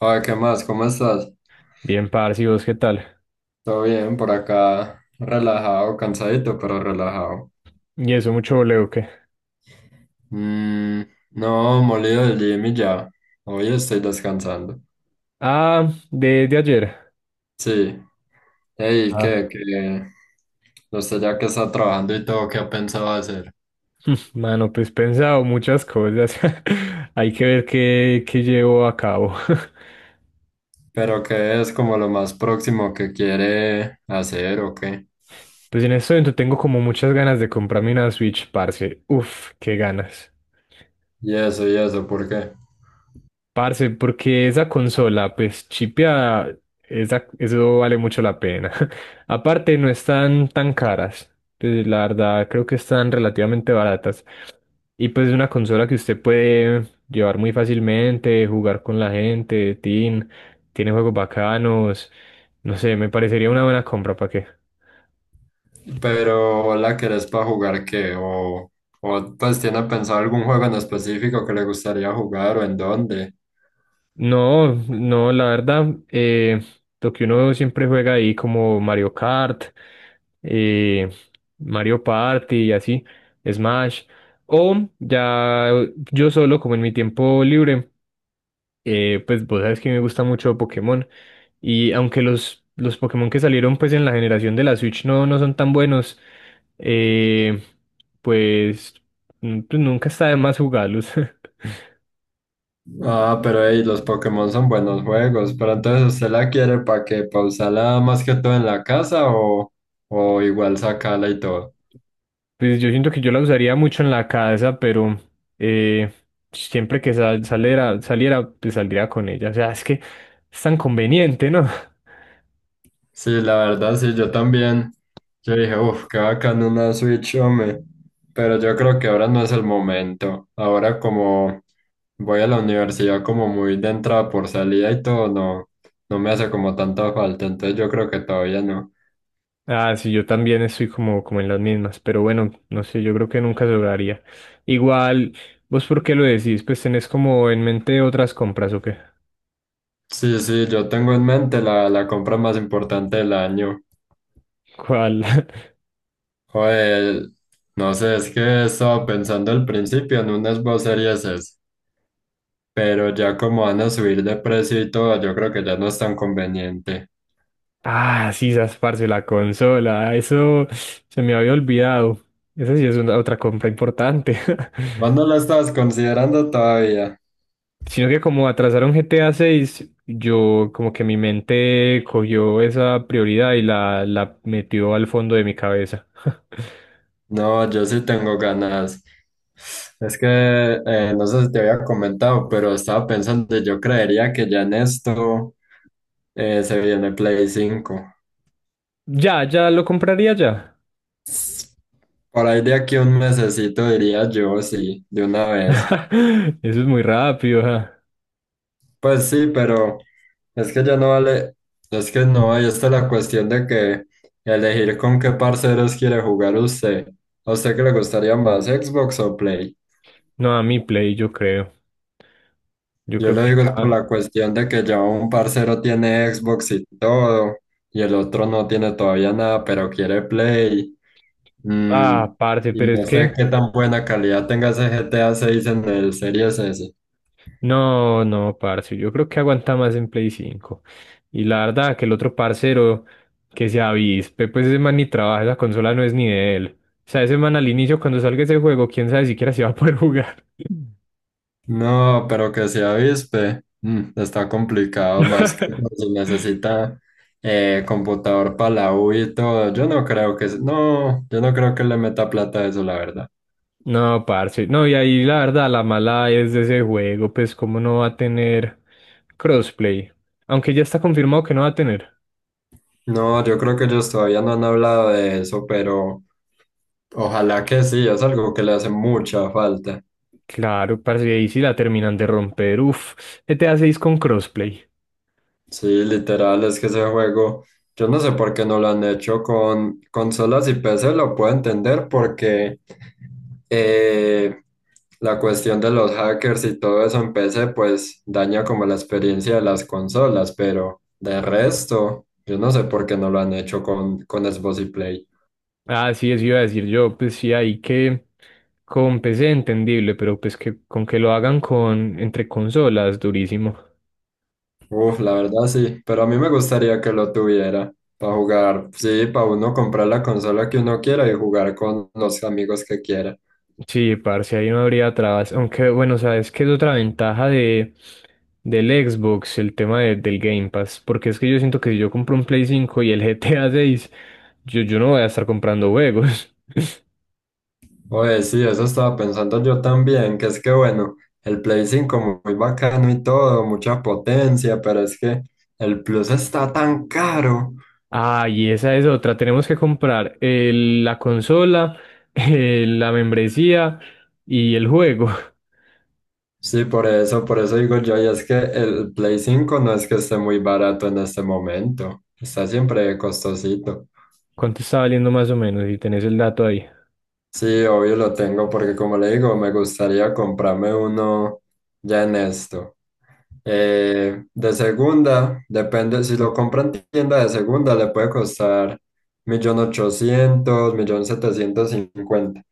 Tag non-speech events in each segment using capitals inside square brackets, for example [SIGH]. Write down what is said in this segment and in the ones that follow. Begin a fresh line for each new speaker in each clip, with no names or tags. Joder, ¿qué más? ¿Cómo estás?
Bien, parce, ¿y vos qué tal?
Todo bien, por acá, relajado, cansadito, pero relajado.
¿Y eso mucho voleo o qué?
Mm, no, molido del gym y ya. Hoy estoy descansando.
De ayer.
Sí. Ey,
Ah,
¿qué? ¿Qué? Usted ya que está trabajando y todo, ¿qué ha pensado hacer?
[LAUGHS] mano, pues pensado muchas cosas. [LAUGHS] Hay que ver qué llevo a cabo. [LAUGHS]
¿Pero qué es como lo más próximo que quiere hacer o qué?
Pues en este momento tengo como muchas ganas de comprarme una Switch, parce. Uf, qué ganas.
Y eso, ¿por qué?
Parce, porque esa consola, pues chipia, esa, eso vale mucho la pena. [LAUGHS] Aparte, no están tan caras. Pues, la verdad, creo que están relativamente baratas. Y pues es una consola que usted puede llevar muy fácilmente, jugar con la gente, teen, tiene juegos bacanos. No sé, me parecería una buena compra, ¿para qué?
Pero ¿la querés para jugar qué? O pues tiene pensado algún juego en específico que le gustaría jugar o en dónde?
No, no, la verdad, lo que uno siempre juega ahí como Mario Kart, eh, Mario Party y así, Smash, o ya yo solo, como en mi tiempo libre, pues vos sabes que me gusta mucho Pokémon, y aunque los Pokémon que salieron pues en la generación de la Switch no son tan buenos, eh, pues, pues nunca está de más jugarlos. [LAUGHS]
Ah, pero hey, los Pokémon son buenos juegos. Pero entonces, ¿usted la quiere para que pausarla más que todo en la casa o igual sacarla y todo?
Pues yo siento que yo la usaría mucho en la casa, pero eh, siempre que saliera, pues saldría con ella. O sea, es que es tan conveniente, ¿no? [LAUGHS]
Sí, la verdad, sí, yo también. Yo dije, uff, qué bacán una Switch, hombre. Pero yo creo que ahora no es el momento. Ahora, como voy a la universidad, como muy de entrada por salida y todo, no, no me hace como tanta falta. Entonces, yo creo que todavía no.
Ah, sí, yo también estoy como, como en las mismas, pero bueno, no sé, yo creo que nunca se lograría. Igual, ¿vos por qué lo decís? Pues tenés como en mente otras compras, ¿o qué?
Sí, sí, yo tengo en mente la compra más importante del año.
¿Cuál? [LAUGHS]
Joder, no sé, es que estaba pensando al principio en unas vocerías, esas, pero ya como van a subir de precio y todo, yo creo que ya no es tan conveniente.
Ah, sí, esas, parce, la consola, eso se me había olvidado. Esa sí es una otra compra importante.
¿Vos no
[LAUGHS]
la estabas considerando todavía?
Sino que como atrasaron GTA 6, yo como que mi mente cogió esa prioridad y la metió al fondo de mi cabeza. [LAUGHS]
No, yo sí tengo ganas. Es que no sé si te había comentado, pero estaba pensando, yo creería que ya en esto se viene Play cinco.
Ya, ya lo compraría ya.
Por ahí de aquí a un mesecito diría yo, sí, de una vez.
[LAUGHS] Eso es muy rápido. Ajá.
Pues sí, pero es que ya no vale, es que no, ahí está la cuestión de que elegir con qué parceros quiere jugar usted. ¿A usted qué le gustaría más, Xbox o Play?
No, a mi Play, yo creo. Yo
Yo
creo
lo
que
digo es por
ya.
la cuestión de que ya un parcero tiene Xbox y todo, y el otro no tiene todavía nada, pero quiere Play. Mm,
Ah, parce,
y
pero es
no sé
que.
qué tan buena calidad tenga ese GTA 6 en el Series S.
No, no, parce, yo creo que aguanta más en Play 5. Y la verdad que el otro parcero que se avispe, pues ese man ni trabaja, esa consola no es ni de él. O sea, ese man al inicio cuando salga ese juego, quién sabe siquiera si va a poder jugar.
No, pero que se avispe, está complicado más que
[LAUGHS]
si necesita computador para la U y todo. Yo no creo que, no, yo no creo que le meta plata a eso, la verdad.
No, parce, no, y ahí la verdad la mala es de ese juego, pues cómo no va a tener crossplay. Aunque ya está confirmado que no va a tener.
No, yo creo que ellos todavía no han hablado de eso, pero ojalá que sí, es algo que le hace mucha falta.
Claro, parce, ahí sí la terminan de romper. Uf, GTA 6 con crossplay.
Sí, literal, es que ese juego, yo no sé por qué no lo han hecho con consolas y PC, lo puedo entender porque eh, la cuestión de los hackers y todo eso en PC, pues daña como la experiencia de las consolas, pero de resto, yo no sé por qué no lo han hecho con Xbox y Play.
Ah, sí, eso iba a decir yo, pues sí, ahí que con PC entendible, pero pues que con que lo hagan con entre consolas, durísimo.
Uf, la verdad sí, pero a mí me gustaría que lo tuviera para jugar, sí, para uno comprar la consola que uno quiera y jugar con los amigos que quiera.
Sí, parce, ahí no habría trabas. Aunque bueno, sabes que es otra ventaja de del Xbox, el tema del Game Pass, porque es que yo siento que si yo compro un Play 5 y el [LAUGHS] GTA 6, yo no voy a estar comprando juegos. [LAUGHS]
Oye, sí, eso estaba pensando yo también, que es que bueno, el Play 5 muy bacano y todo, mucha potencia, pero es que el Plus está tan caro.
Ah, y esa es otra. Tenemos que comprar la consola, [LAUGHS] la membresía y el juego.
Sí, por eso digo yo, y es que el Play 5 no es que esté muy barato en este momento, está siempre costosito.
¿Cuánto está valiendo más o menos? Si tenés el dato ahí.
Sí, obvio lo tengo porque como le digo, me gustaría comprarme uno ya en esto. De segunda, depende, si lo compra en tienda de segunda le puede costar millón millón ochocientos millón setecientos cincuenta.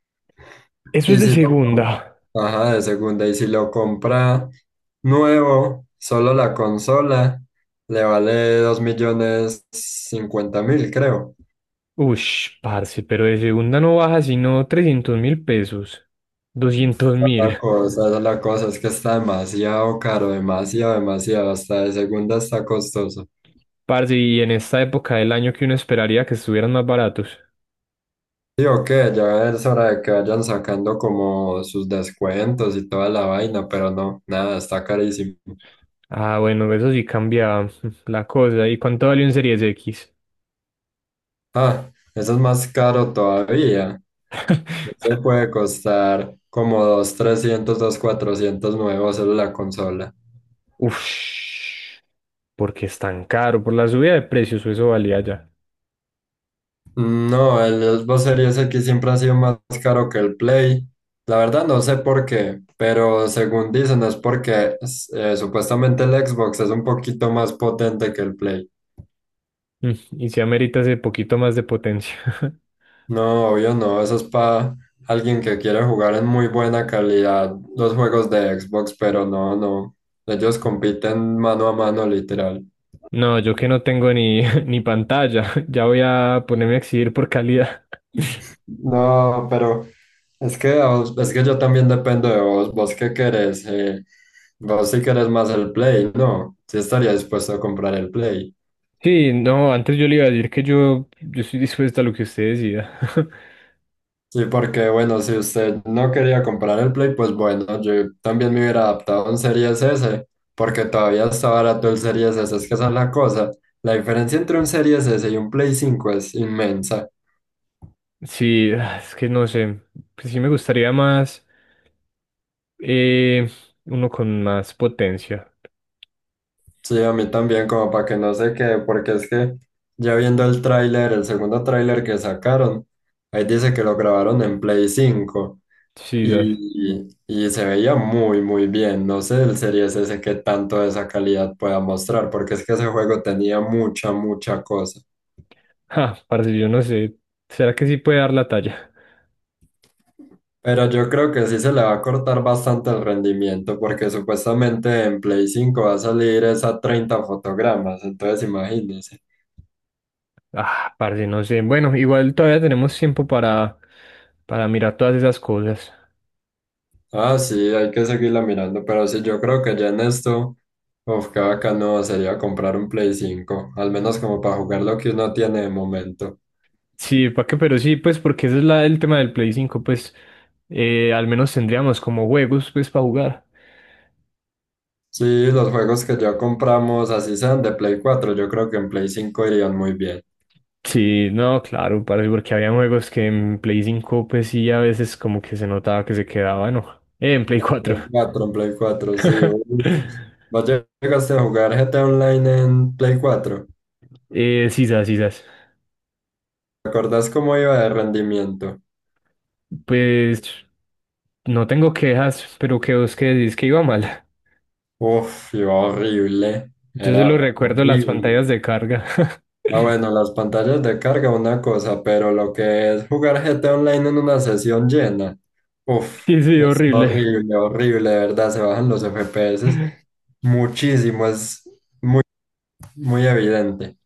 Eso es
Y
de
si
segunda.
ajá, de segunda, y si lo compra nuevo, solo la consola, le vale 2.050.000 creo.
Ush, parce, pero de segunda no baja sino $300.000. 200.000.
La cosa, esa es la cosa, es que está demasiado caro, demasiado, demasiado, hasta de segunda está costoso.
Parce, y en esta época del año que uno esperaría que estuvieran más baratos.
Sí, ok, ya es hora de que vayan sacando como sus descuentos y toda la vaina, pero no, nada, está carísimo.
Ah, bueno, eso sí cambia [LAUGHS] la cosa. ¿Y cuánto valió en Series X?
Ah, eso es más caro todavía. No
[LAUGHS]
se puede costar como 2 300 2 400 nuevos solo la consola.
Ush, porque es tan caro. Por la subida de precios, o eso valía ya. [LAUGHS]
No, el Xbox Series X siempre ha sido más caro que el Play. La verdad no sé por qué, pero según dicen es porque supuestamente el Xbox es un poquito más potente que el Play.
Mm, y si amerita ese poquito más de potencia. [LAUGHS]
No, obvio no, eso es para alguien que quiere jugar en muy buena calidad los juegos de Xbox, pero no, no, ellos compiten mano a mano literal.
No, yo que no tengo ni, [LAUGHS] ni pantalla, [LAUGHS] ya voy a ponerme a exigir por calidad.
No, pero es que es que yo también dependo de vos. ¿Vos qué querés? Vos sí querés más el Play, ¿no? Sí estaría dispuesto a comprar el Play.
Sí, no, antes yo le iba a decir que yo estoy dispuesta a lo que usted decida. [LAUGHS]
Sí, porque bueno, si usted no quería comprar el Play, pues bueno, yo también me hubiera adaptado a un Series S, porque todavía está barato el Series S, es que esa es la cosa. La diferencia entre un Series S y un Play cinco es inmensa.
Sí, ah, es que no sé, pues sí me gustaría más, eh, uno con más potencia.
Sí, a mí también, como para que no se quede, porque es que ya viendo el tráiler, el segundo tráiler que sacaron, ahí dice que lo grabaron en Play cinco
Sí, ya-
y se veía muy, muy bien. No sé el Series S qué tanto de esa calidad pueda mostrar, porque es que ese juego tenía mucha, mucha cosa.
[LAUGHS] ah, parce, yo no sé, ¿será que sí puede dar la talla?
Pero yo creo que sí se le va a cortar bastante el rendimiento, porque supuestamente en Play cinco va a salir esa 30 fotogramas, entonces imagínense.
Ah, parce, no sé, bueno, igual todavía tenemos tiempo para mirar todas esas cosas.
Ah, sí, hay que seguirla mirando, pero sí, yo creo que ya en esto, uf, qué bacano sería comprar un Play cinco, al menos como para jugar lo que uno tiene de momento.
Sí, ¿para qué? Pero sí, pues porque ese es la, el tema del Play 5, pues al menos tendríamos como juegos pues para jugar.
Sí, los juegos que ya compramos, así sean de Play cuatro, yo creo que en Play cinco irían muy bien.
Sí, no, claro, parce, porque había juegos que en Play 5 pues sí a veces como que se notaba que se quedaba, no, eh, en Play 4.
Play cuatro, en Play cuatro, sí.
[LAUGHS]
Uf. ¿Vos llegaste a jugar GTA Online en Play cuatro?
Sisas, sisas.
¿Te acordás cómo iba de rendimiento?
Pues no tengo quejas, pero que vos que decís que iba mal.
Uf, iba horrible,
Yo
era
solo recuerdo las
horrible.
pantallas de carga.
Ah, bueno,
[LAUGHS]
las pantallas de carga, una cosa, pero lo que es jugar GT Online en una sesión llena, uff,
Sí, sí,
es
horrible.
horrible, horrible, de verdad, se bajan los FPS muchísimo, es muy evidente.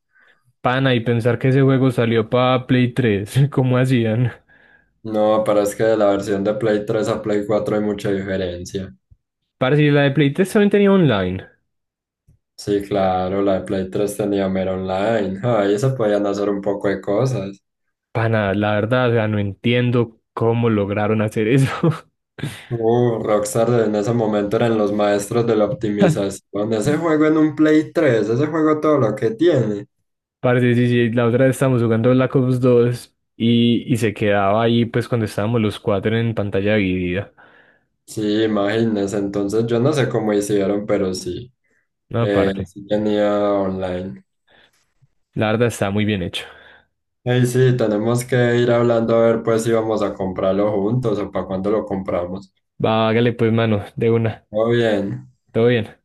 Pana, y pensar que ese juego salió para Play 3. [LAUGHS] ¿Cómo hacían?
No, pero es que de la versión de Play tres a Play cuatro hay mucha diferencia.
Parce, y la de Play 3 también tenía online.
Sí, claro, la de Play tres tenía mero online, ahí se podían hacer un poco de cosas.
Pana, la verdad, o sea, no entiendo cómo lograron hacer eso.
Rockstar en ese momento eran los maestros de la
[LAUGHS]
optimización. Ese juego en un Play tres, ese juego todo lo que tiene.
Parce, sí, sí, la otra vez estábamos jugando Black Ops 2 y se quedaba ahí, pues, cuando estábamos los cuatro en pantalla dividida.
Sí, imagínense. Entonces yo no sé cómo hicieron, pero sí.
No, aparte,
Sí tenía online.
la verdad está muy bien hecho.
Ey, sí, tenemos que ir hablando a ver pues si vamos a comprarlo juntos o para cuándo lo compramos.
Va, hágale, pues, mano, de una.
Todo bien.
Todo bien.